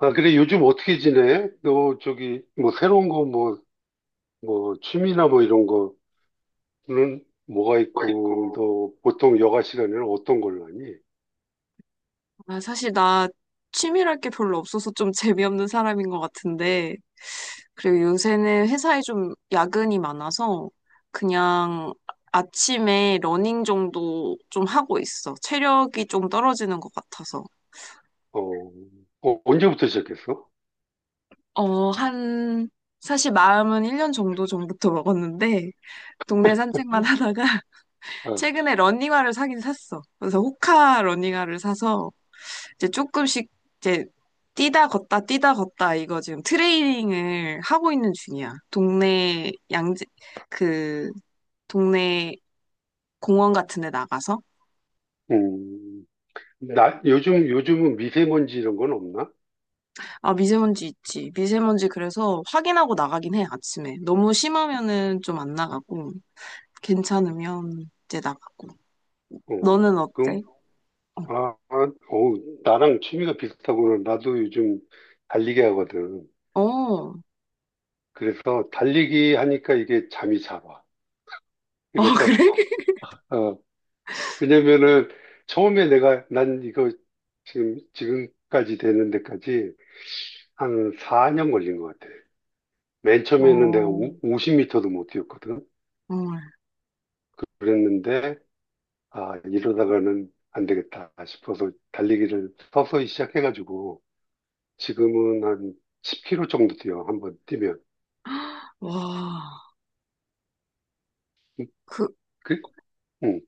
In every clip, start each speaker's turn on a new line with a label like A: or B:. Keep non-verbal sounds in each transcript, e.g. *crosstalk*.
A: 아, 그래, 요즘 어떻게 지내? 너, 저기, 뭐, 새로운 거, 뭐, 취미나 뭐, 이런 거는 뭐가
B: 거
A: 있고,
B: 있고.
A: 너, 보통 여가 시간에는 어떤 걸로 하니?
B: 아, 사실 나 취미랄 게 별로 없어서 좀 재미없는 사람인 것 같은데, 그리고 요새는 회사에 좀 야근이 많아서 그냥 아침에 러닝 정도 좀 하고 있어. 체력이 좀 떨어지는 것 같아서.
A: 어, 어, 언제부터 시작했어?
B: 어, 한, 사실 마음은 1년 정도 전부터 먹었는데, 동네 산책만 하다가 *laughs*
A: 아,
B: 최근에 러닝화를 사긴 샀어. 그래서 호카 러닝화를 사서 이제 조금씩 이제 뛰다 걷다 뛰다 걷다 이거 지금 트레이닝을 하고 있는 중이야. 동네 양재 그 동네 공원 같은 데 나가서
A: 음, 나, 요즘은 미세먼지 이런 건 없나?
B: 아, 미세먼지 있지. 미세먼지 그래서 확인하고 나가긴 해 아침에. 너무 심하면은 좀 안 나가고 괜찮으면 이제 나가고.
A: 어,
B: 너는 어때?
A: 그럼,
B: 어.
A: 아, 아, 어우, 나랑 취미가 비슷하구나. 나도 요즘 달리기 하거든.
B: 어. *laughs*
A: 그래서 달리기 하니까 이게 잠이 잘 와.
B: 아,
A: 그래서,
B: 그래?
A: 왜냐면은 처음에 내가 난 이거 지금까지 되는 데까지 한 4년 걸린 것 같아. 맨 처음에는 내가
B: 어.
A: 50m도 못 뛰었거든.
B: 정말.
A: 그랬는데 아 이러다가는 안 되겠다 싶어서 달리기를 서서히 시작해가지고 지금은 한 10km 정도 뛰어 한번 뛰면.
B: 와.
A: 음,
B: 그,
A: 그, 응.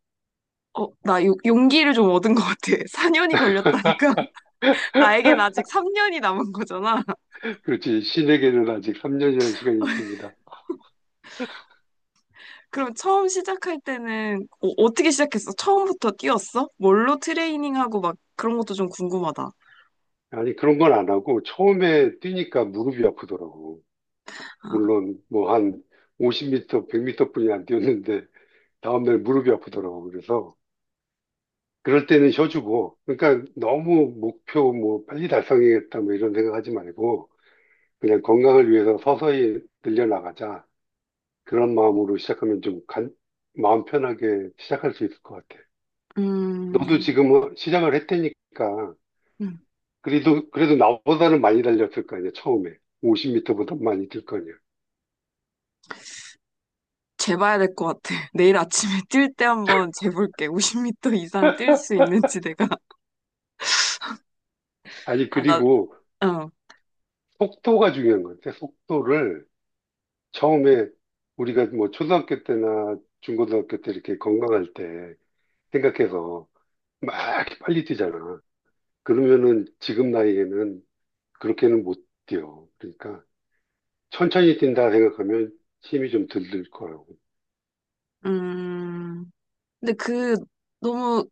B: 어, 나 용기를 좀 얻은 것 같아. *laughs* 4년이 걸렸다니까. 나에겐 아직 3년이 남은 거잖아. *laughs*
A: 그렇지 신에게는 아직 3년이라는 시간이 있습니다.
B: 그럼 처음 시작할 때는 떻게 시작했어? 처음부터 뛰었어? 뭘로 트레이닝하고 막 그런 것도 좀 궁금하다.
A: 아니 그런 건 안 하고 처음에 뛰니까 무릎이 아프더라고.
B: 아,
A: 물론 뭐 한 50m, 100m뿐이 안 뛰었는데 다음날 무릎이 아프더라고. 그래서 그럴 때는 쉬어주고 그러니까 너무 목표 뭐 빨리 달성해야겠다 뭐 이런 생각하지 말고 그냥 건강을 위해서 서서히 늘려나가자. 그런 마음으로 시작하면 좀 간- 마음 편하게 시작할 수 있을 것 같아. 너도
B: 음,
A: 지금 뭐 시작을 했다니까
B: 음,
A: 그래도 나보다는 많이 달렸을 거 아니야 처음에 50m보다 많이 뛸 거 아니야.
B: 재봐야 될 것 같아. *laughs* 내일 아침에 뛸 때 한번 재볼게. *laughs* 50m 이상 뛸 수 있는지 내가. *laughs*
A: 아니
B: 아, 나,
A: 그리고
B: 어,
A: 속도가 중요한 것 같아. 속도를 처음에 우리가 뭐 초등학교 때나 중고등학교 때 이렇게 건강할 때 생각해서 막 이렇게 빨리 뛰잖아. 그러면은 지금 나이에는 그렇게는 못 뛰어. 그러니까 천천히 뛴다 생각하면 힘이 좀 들들 거라고.
B: 음. 근데 너무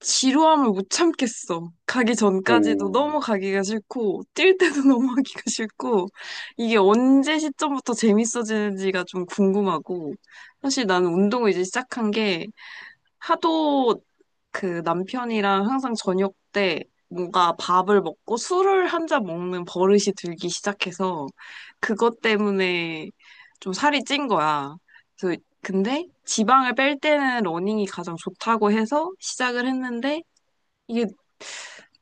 B: 지루함을 못 참겠어. 가기 전까지도 너무
A: 음,
B: 가기가 싫고, 뛸 때도 *laughs* 너무 하기가 싫고, 이게 언제 시점부터 재밌어지는지가 좀 궁금하고, 사실 나는 운동을 이제 시작한 게 하도 그 남편이랑 항상 저녁 때 뭔가 밥을 먹고 술을 한 잔 먹는 버릇이 들기 시작해서, 그것 때문에 좀 살이 찐 거야. 그래서 근데 지방을 뺄 때는 러닝이 가장 좋다고 해서 시작을 했는데, 이게,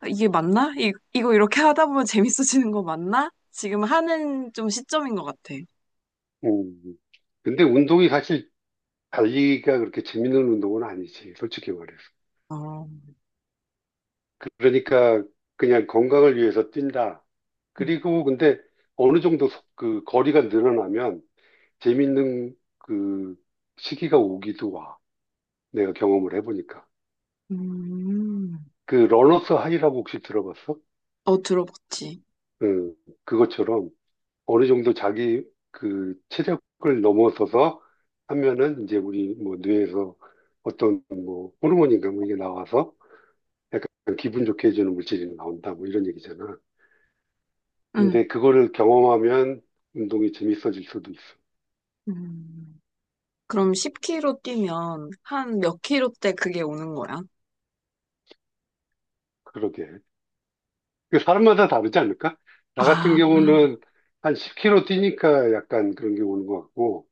B: 이게 맞나? 이거 이렇게 하다 보면 재밌어지는 거 맞나? 지금 하는 좀 시점인 것 같아.
A: 음. 근데 운동이 사실 달리기가 그렇게 재밌는 운동은 아니지. 솔직히 말해서.
B: 어,
A: 그러니까 그냥 건강을 위해서 뛴다.
B: 음,
A: 그리고 근데 어느 정도 속- 그 거리가 늘어나면 재밌는 그 시기가 오기도 와. 내가 경험을 해보니까.
B: 음.
A: 그 러너스 하이라고 혹시 들어봤어?
B: 어, 들어봤지.
A: 응, 그것처럼 어느 정도 자기 그 체력을 넘어서서 하면은 이제 우리 뭐 뇌에서 어떤 뭐 호르몬인가 뭐 이게 나와서 약간 기분 좋게 해주는 물질이 나온다 뭐 이런 얘기잖아.
B: 응.
A: 근데 그거를 경험하면 운동이 재밌어질 수도 있어.
B: 음. 그럼 10km 뛰면 한 몇 킬로 때 그게 오는 거야?
A: 그러게. 그 사람마다 다르지 않을까? 나 같은
B: 아,
A: 경우는 한 10km 뛰니까 약간 그런 게 오는 것 같고,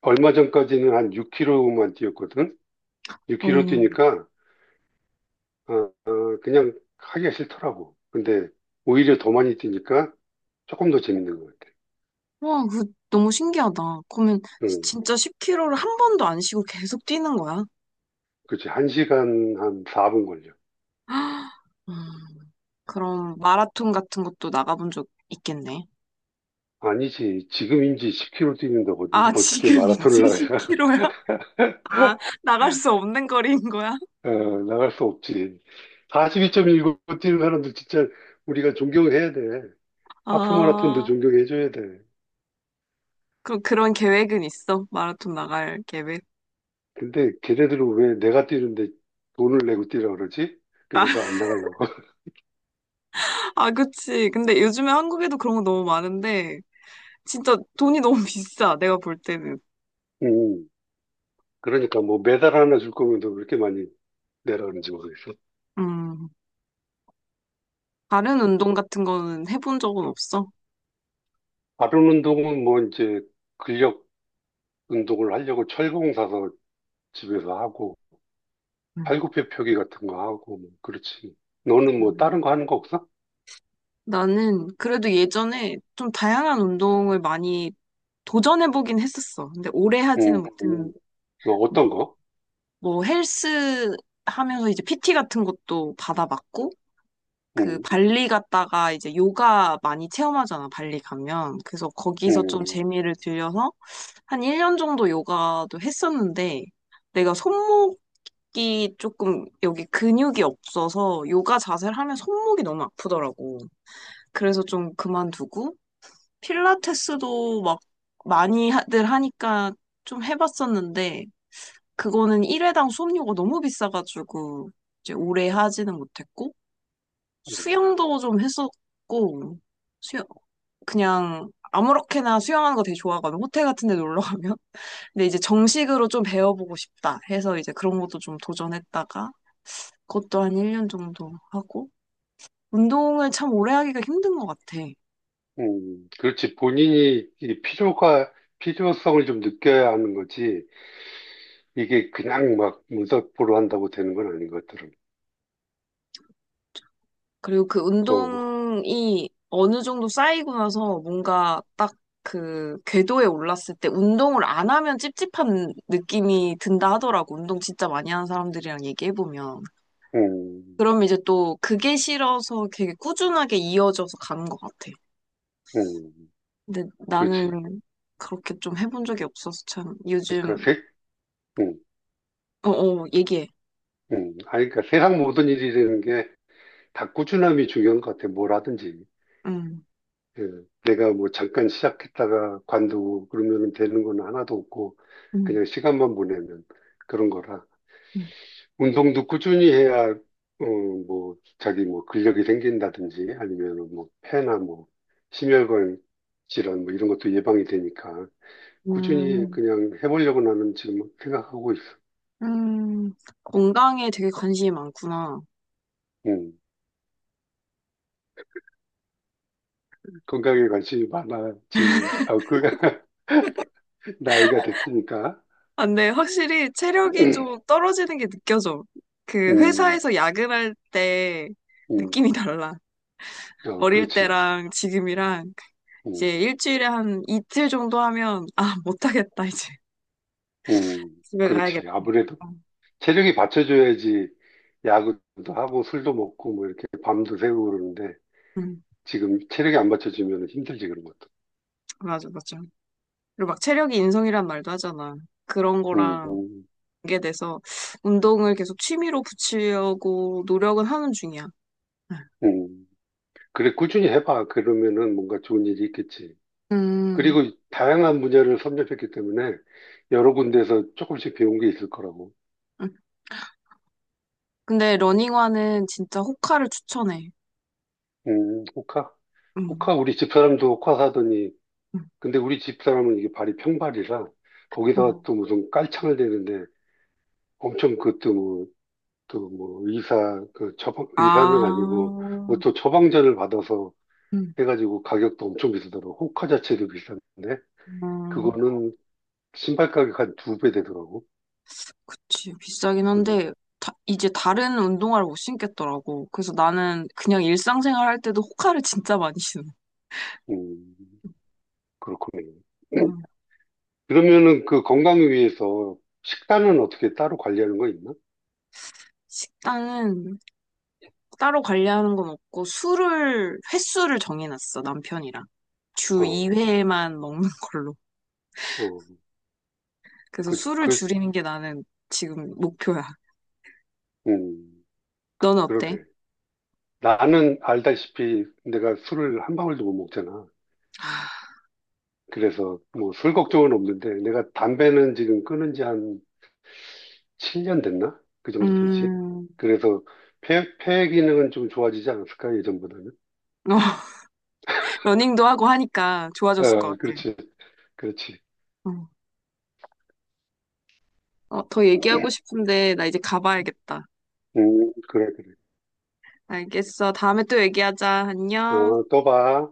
A: 얼마 전까지는 한 6km만 뛰었거든? 6km
B: 어.
A: 뛰니까, 어, 어, 그냥 하기가 싫더라고. 근데 오히려 더 많이 뛰니까 조금 더 재밌는 것 같아.
B: 와, 너무 신기하다. 그러면
A: 응,
B: 진짜 10km를 한 번도 안 쉬고 계속 뛰는 거야?
A: 그치. 1시간 한 4분 걸려.
B: *gasps* 헉, 그럼 마라톤 같은 것도 나가본 적 있겠네.
A: 아니지. 지금인지 10km 뛰는다고
B: 아,
A: 어떻게
B: 지금
A: 마라톤을
B: 이제
A: 나가야, *laughs*
B: 10km야. 아, 나갈 수 없는 거리인 거야?
A: 어, 나갈 수 없지. 42.19 뛰는 사람들 진짜 우리가 존경해야 돼. 하프 마라톤도
B: 아,
A: 존경해줘야 돼.
B: 그럼 그런 계획은 있어? 마라톤 나갈 계획?
A: 근데 걔네들은 왜 내가 뛰는데 돈을 내고 뛰라 그러지? 그래서 안 나가려고. *laughs*
B: 아, 그치. 근데 요즘에 한국에도 그런 거 너무 많은데, 진짜 돈이 너무 *laughs* 비싸, 내가 볼 때는.
A: 음, 그러니까 뭐 메달 하나 줄 거면 너 그렇게 많이 내라 그런지 모르겠어.
B: 음, 다른 운동 같은 거는 해본 적은 없어?
A: 다른 운동은 뭐 이제 근력 운동을 하려고 철봉 사서 집에서 하고
B: 음.
A: 팔굽혀 펴기 같은 거 하고 뭐 그렇지. 너는 뭐 다른
B: 음.
A: 거 하는 거 없어?
B: 나는 그래도 예전에 좀 다양한 운동을 많이 도전해보긴 했었어. 근데 오래 하지는
A: 음, 음.
B: 못했는데,
A: 어,
B: 뭐
A: 어떤 거?
B: 헬스 하면서 이제 PT 같은 것도 받아봤고, 그
A: 음,
B: 발리 갔다가 이제 요가 많이 체험하잖아, 발리 가면. 그래서 거기서 좀
A: 음.
B: 재미를 들려서 한 1년 정도 요가도 했었는데 내가 손목이 조금 여기 근육이 없어서 요가 자세를 하면 손목이 너무 아프더라고. 그래서 좀 그만두고 필라테스도 막 많이들 하니까 좀 해봤었는데 그거는 1회당 수업료가 너무 비싸가지고 이제 오래 하지는 못했고 수영도 좀 했었고, 수영, 그냥 아무렇게나 수영하는 거 되게 좋아하거든. 호텔 같은 데 놀러 가면. *laughs* 근데 이제 정식으로 좀 배워보고 싶다 해서 이제 그런 것도 좀 도전했다가, 그것도 한 1년 정도 하고, 운동을 참 오래 하기가 힘든 것 같아.
A: 그렇지. 본인이 이 필요가, 필요성을 좀 느껴야 하는 거지. 이게 그냥 막 문서포로 한다고 되는 건 아닌 것들은.
B: 그리고 그
A: 어,
B: 운동이 어느 정도 쌓이고 나서 뭔가 딱 그 궤도에 올랐을 때 운동을 안 하면 찝찝한 느낌이 든다 하더라고. 운동 진짜 많이 하는 사람들이랑 얘기해보면.
A: 음,
B: 그럼 이제 또 그게 싫어서 되게 꾸준하게 이어져서 가는 것 같아.
A: 음,
B: 근데
A: 그렇지.
B: 나는 그렇게 좀 해본 적이 없어서 참 요즘,
A: 그러니까 세, 음,
B: 어, 어, 얘기해.
A: 아니, 그러니까 세상 모든 일이라는 게 다 꾸준함이 중요한 것 같아. 뭘 하든지.
B: 음,
A: 예, 내가 뭐 잠깐 시작했다가 관두고 그러면 되는 건 하나도 없고,
B: 음,
A: 그냥 시간만 보내면 그런 거라.
B: 음,
A: 운동도 꾸준히 해야, 어, 뭐, 자기 뭐 근력이 생긴다든지 아니면 뭐 폐나 뭐 심혈관 질환 뭐 이런 것도 예방이 되니까 꾸준히
B: 음,
A: 그냥 해보려고 나는 지금 생각하고 있어.
B: 음. 건강에 되게 관심이 많구나.
A: 음, 건강에 관심이 많아진, 아, 그, *laughs* 나이가 됐으니까.
B: 아, 근데 확실히 체력이 좀
A: *clears throat*
B: 떨어지는 게 느껴져. 그
A: 음,
B: 회사에서 야근할 때
A: 음,
B: 느낌이 달라.
A: 어,
B: 어릴
A: 그렇지.
B: 때랑 지금이랑
A: 음,
B: 이제 일주일에 한 이틀 정도 하면 아, 못하겠다, 이제. 집에
A: 그렇지.
B: 가야겠다.
A: 아무래도 체력이 받쳐줘야지 야구도 하고 술도 먹고 뭐 이렇게 밤도 새고 그러는데
B: 응,
A: 지금 체력이 안 받쳐지면 힘들지, 그런 것도.
B: 맞아, 맞아. 그리고 막 체력이 인성이란 말도 하잖아. 그런
A: 음,
B: 거랑
A: 음.
B: 연계돼서 운동을 계속 취미로 붙이려고 노력은 하는 중이야.
A: 음. 그래, 꾸준히 해봐. 그러면은 뭔가 좋은 일이 있겠지.
B: 응. 음,
A: 그리고 다양한 분야를 섭렵했기 때문에 여러 군데에서 조금씩 배운 게 있을 거라고.
B: 응. 근데 러닝화는 진짜 호카를 추천해.
A: 호카?
B: 응,
A: 호카, 우리 집사람도 호카 사더니,
B: 응,
A: 근데 우리 집사람은 이게 발이 평발이라,
B: 응.
A: 거기다가 또 무슨 깔창을 대는데, 엄청 그것도 뭐, 또 뭐, 의사, 그 처방, 의사는
B: 아,
A: 아니고, 뭐 또 처방전을 받아서
B: 응,
A: 해가지고 가격도 엄청 비싸더라고. 호카 자체도 비싼데,
B: 음, 음,
A: 그거는 신발 가격 한 두 배 되더라고.
B: 그치. 비싸긴
A: 음,
B: 한데, 이제 다른 운동화를 못 신겠더라고. 그래서 나는 그냥 일상생활 할 때도 호카를 *laughs* 진짜 많이 신어.
A: 음, 그렇군요.
B: 어,
A: 그러면은 그 건강을 위해서 식단은 어떻게 따로 관리하는 거 있나?
B: 식단은 따로 관리하는 건 없고 술을 횟수를 정해놨어 남편이랑 주
A: 어,
B: 2회만 먹는 *laughs* 걸로.
A: 어,
B: 그래서
A: 그,
B: 술을
A: 그,
B: 줄이는 게 나는 지금 목표야.
A: 음,
B: 너는 어때?
A: 그러네. 나는 알다시피 내가 술을 한 방울도 못 먹잖아. 그래서 뭐 술 걱정은 없는데 내가 담배는 지금 끊은 지 한 7년 됐나? 그 정도 되지.
B: 음,
A: 그래서 폐 기능은 좀 좋아지지 않았을까, 예전보다?
B: 어, *laughs* 러닝도 하고 하니까 좋아졌을 것
A: 어,
B: 같아.
A: 그렇지, 그렇지.
B: 응. 어, 더 얘기하고 싶은데 나 이제 가봐야겠다.
A: 그래, 그래.
B: 알겠어. 다음에 또 얘기하자. 안녕.
A: 어, 또 봐.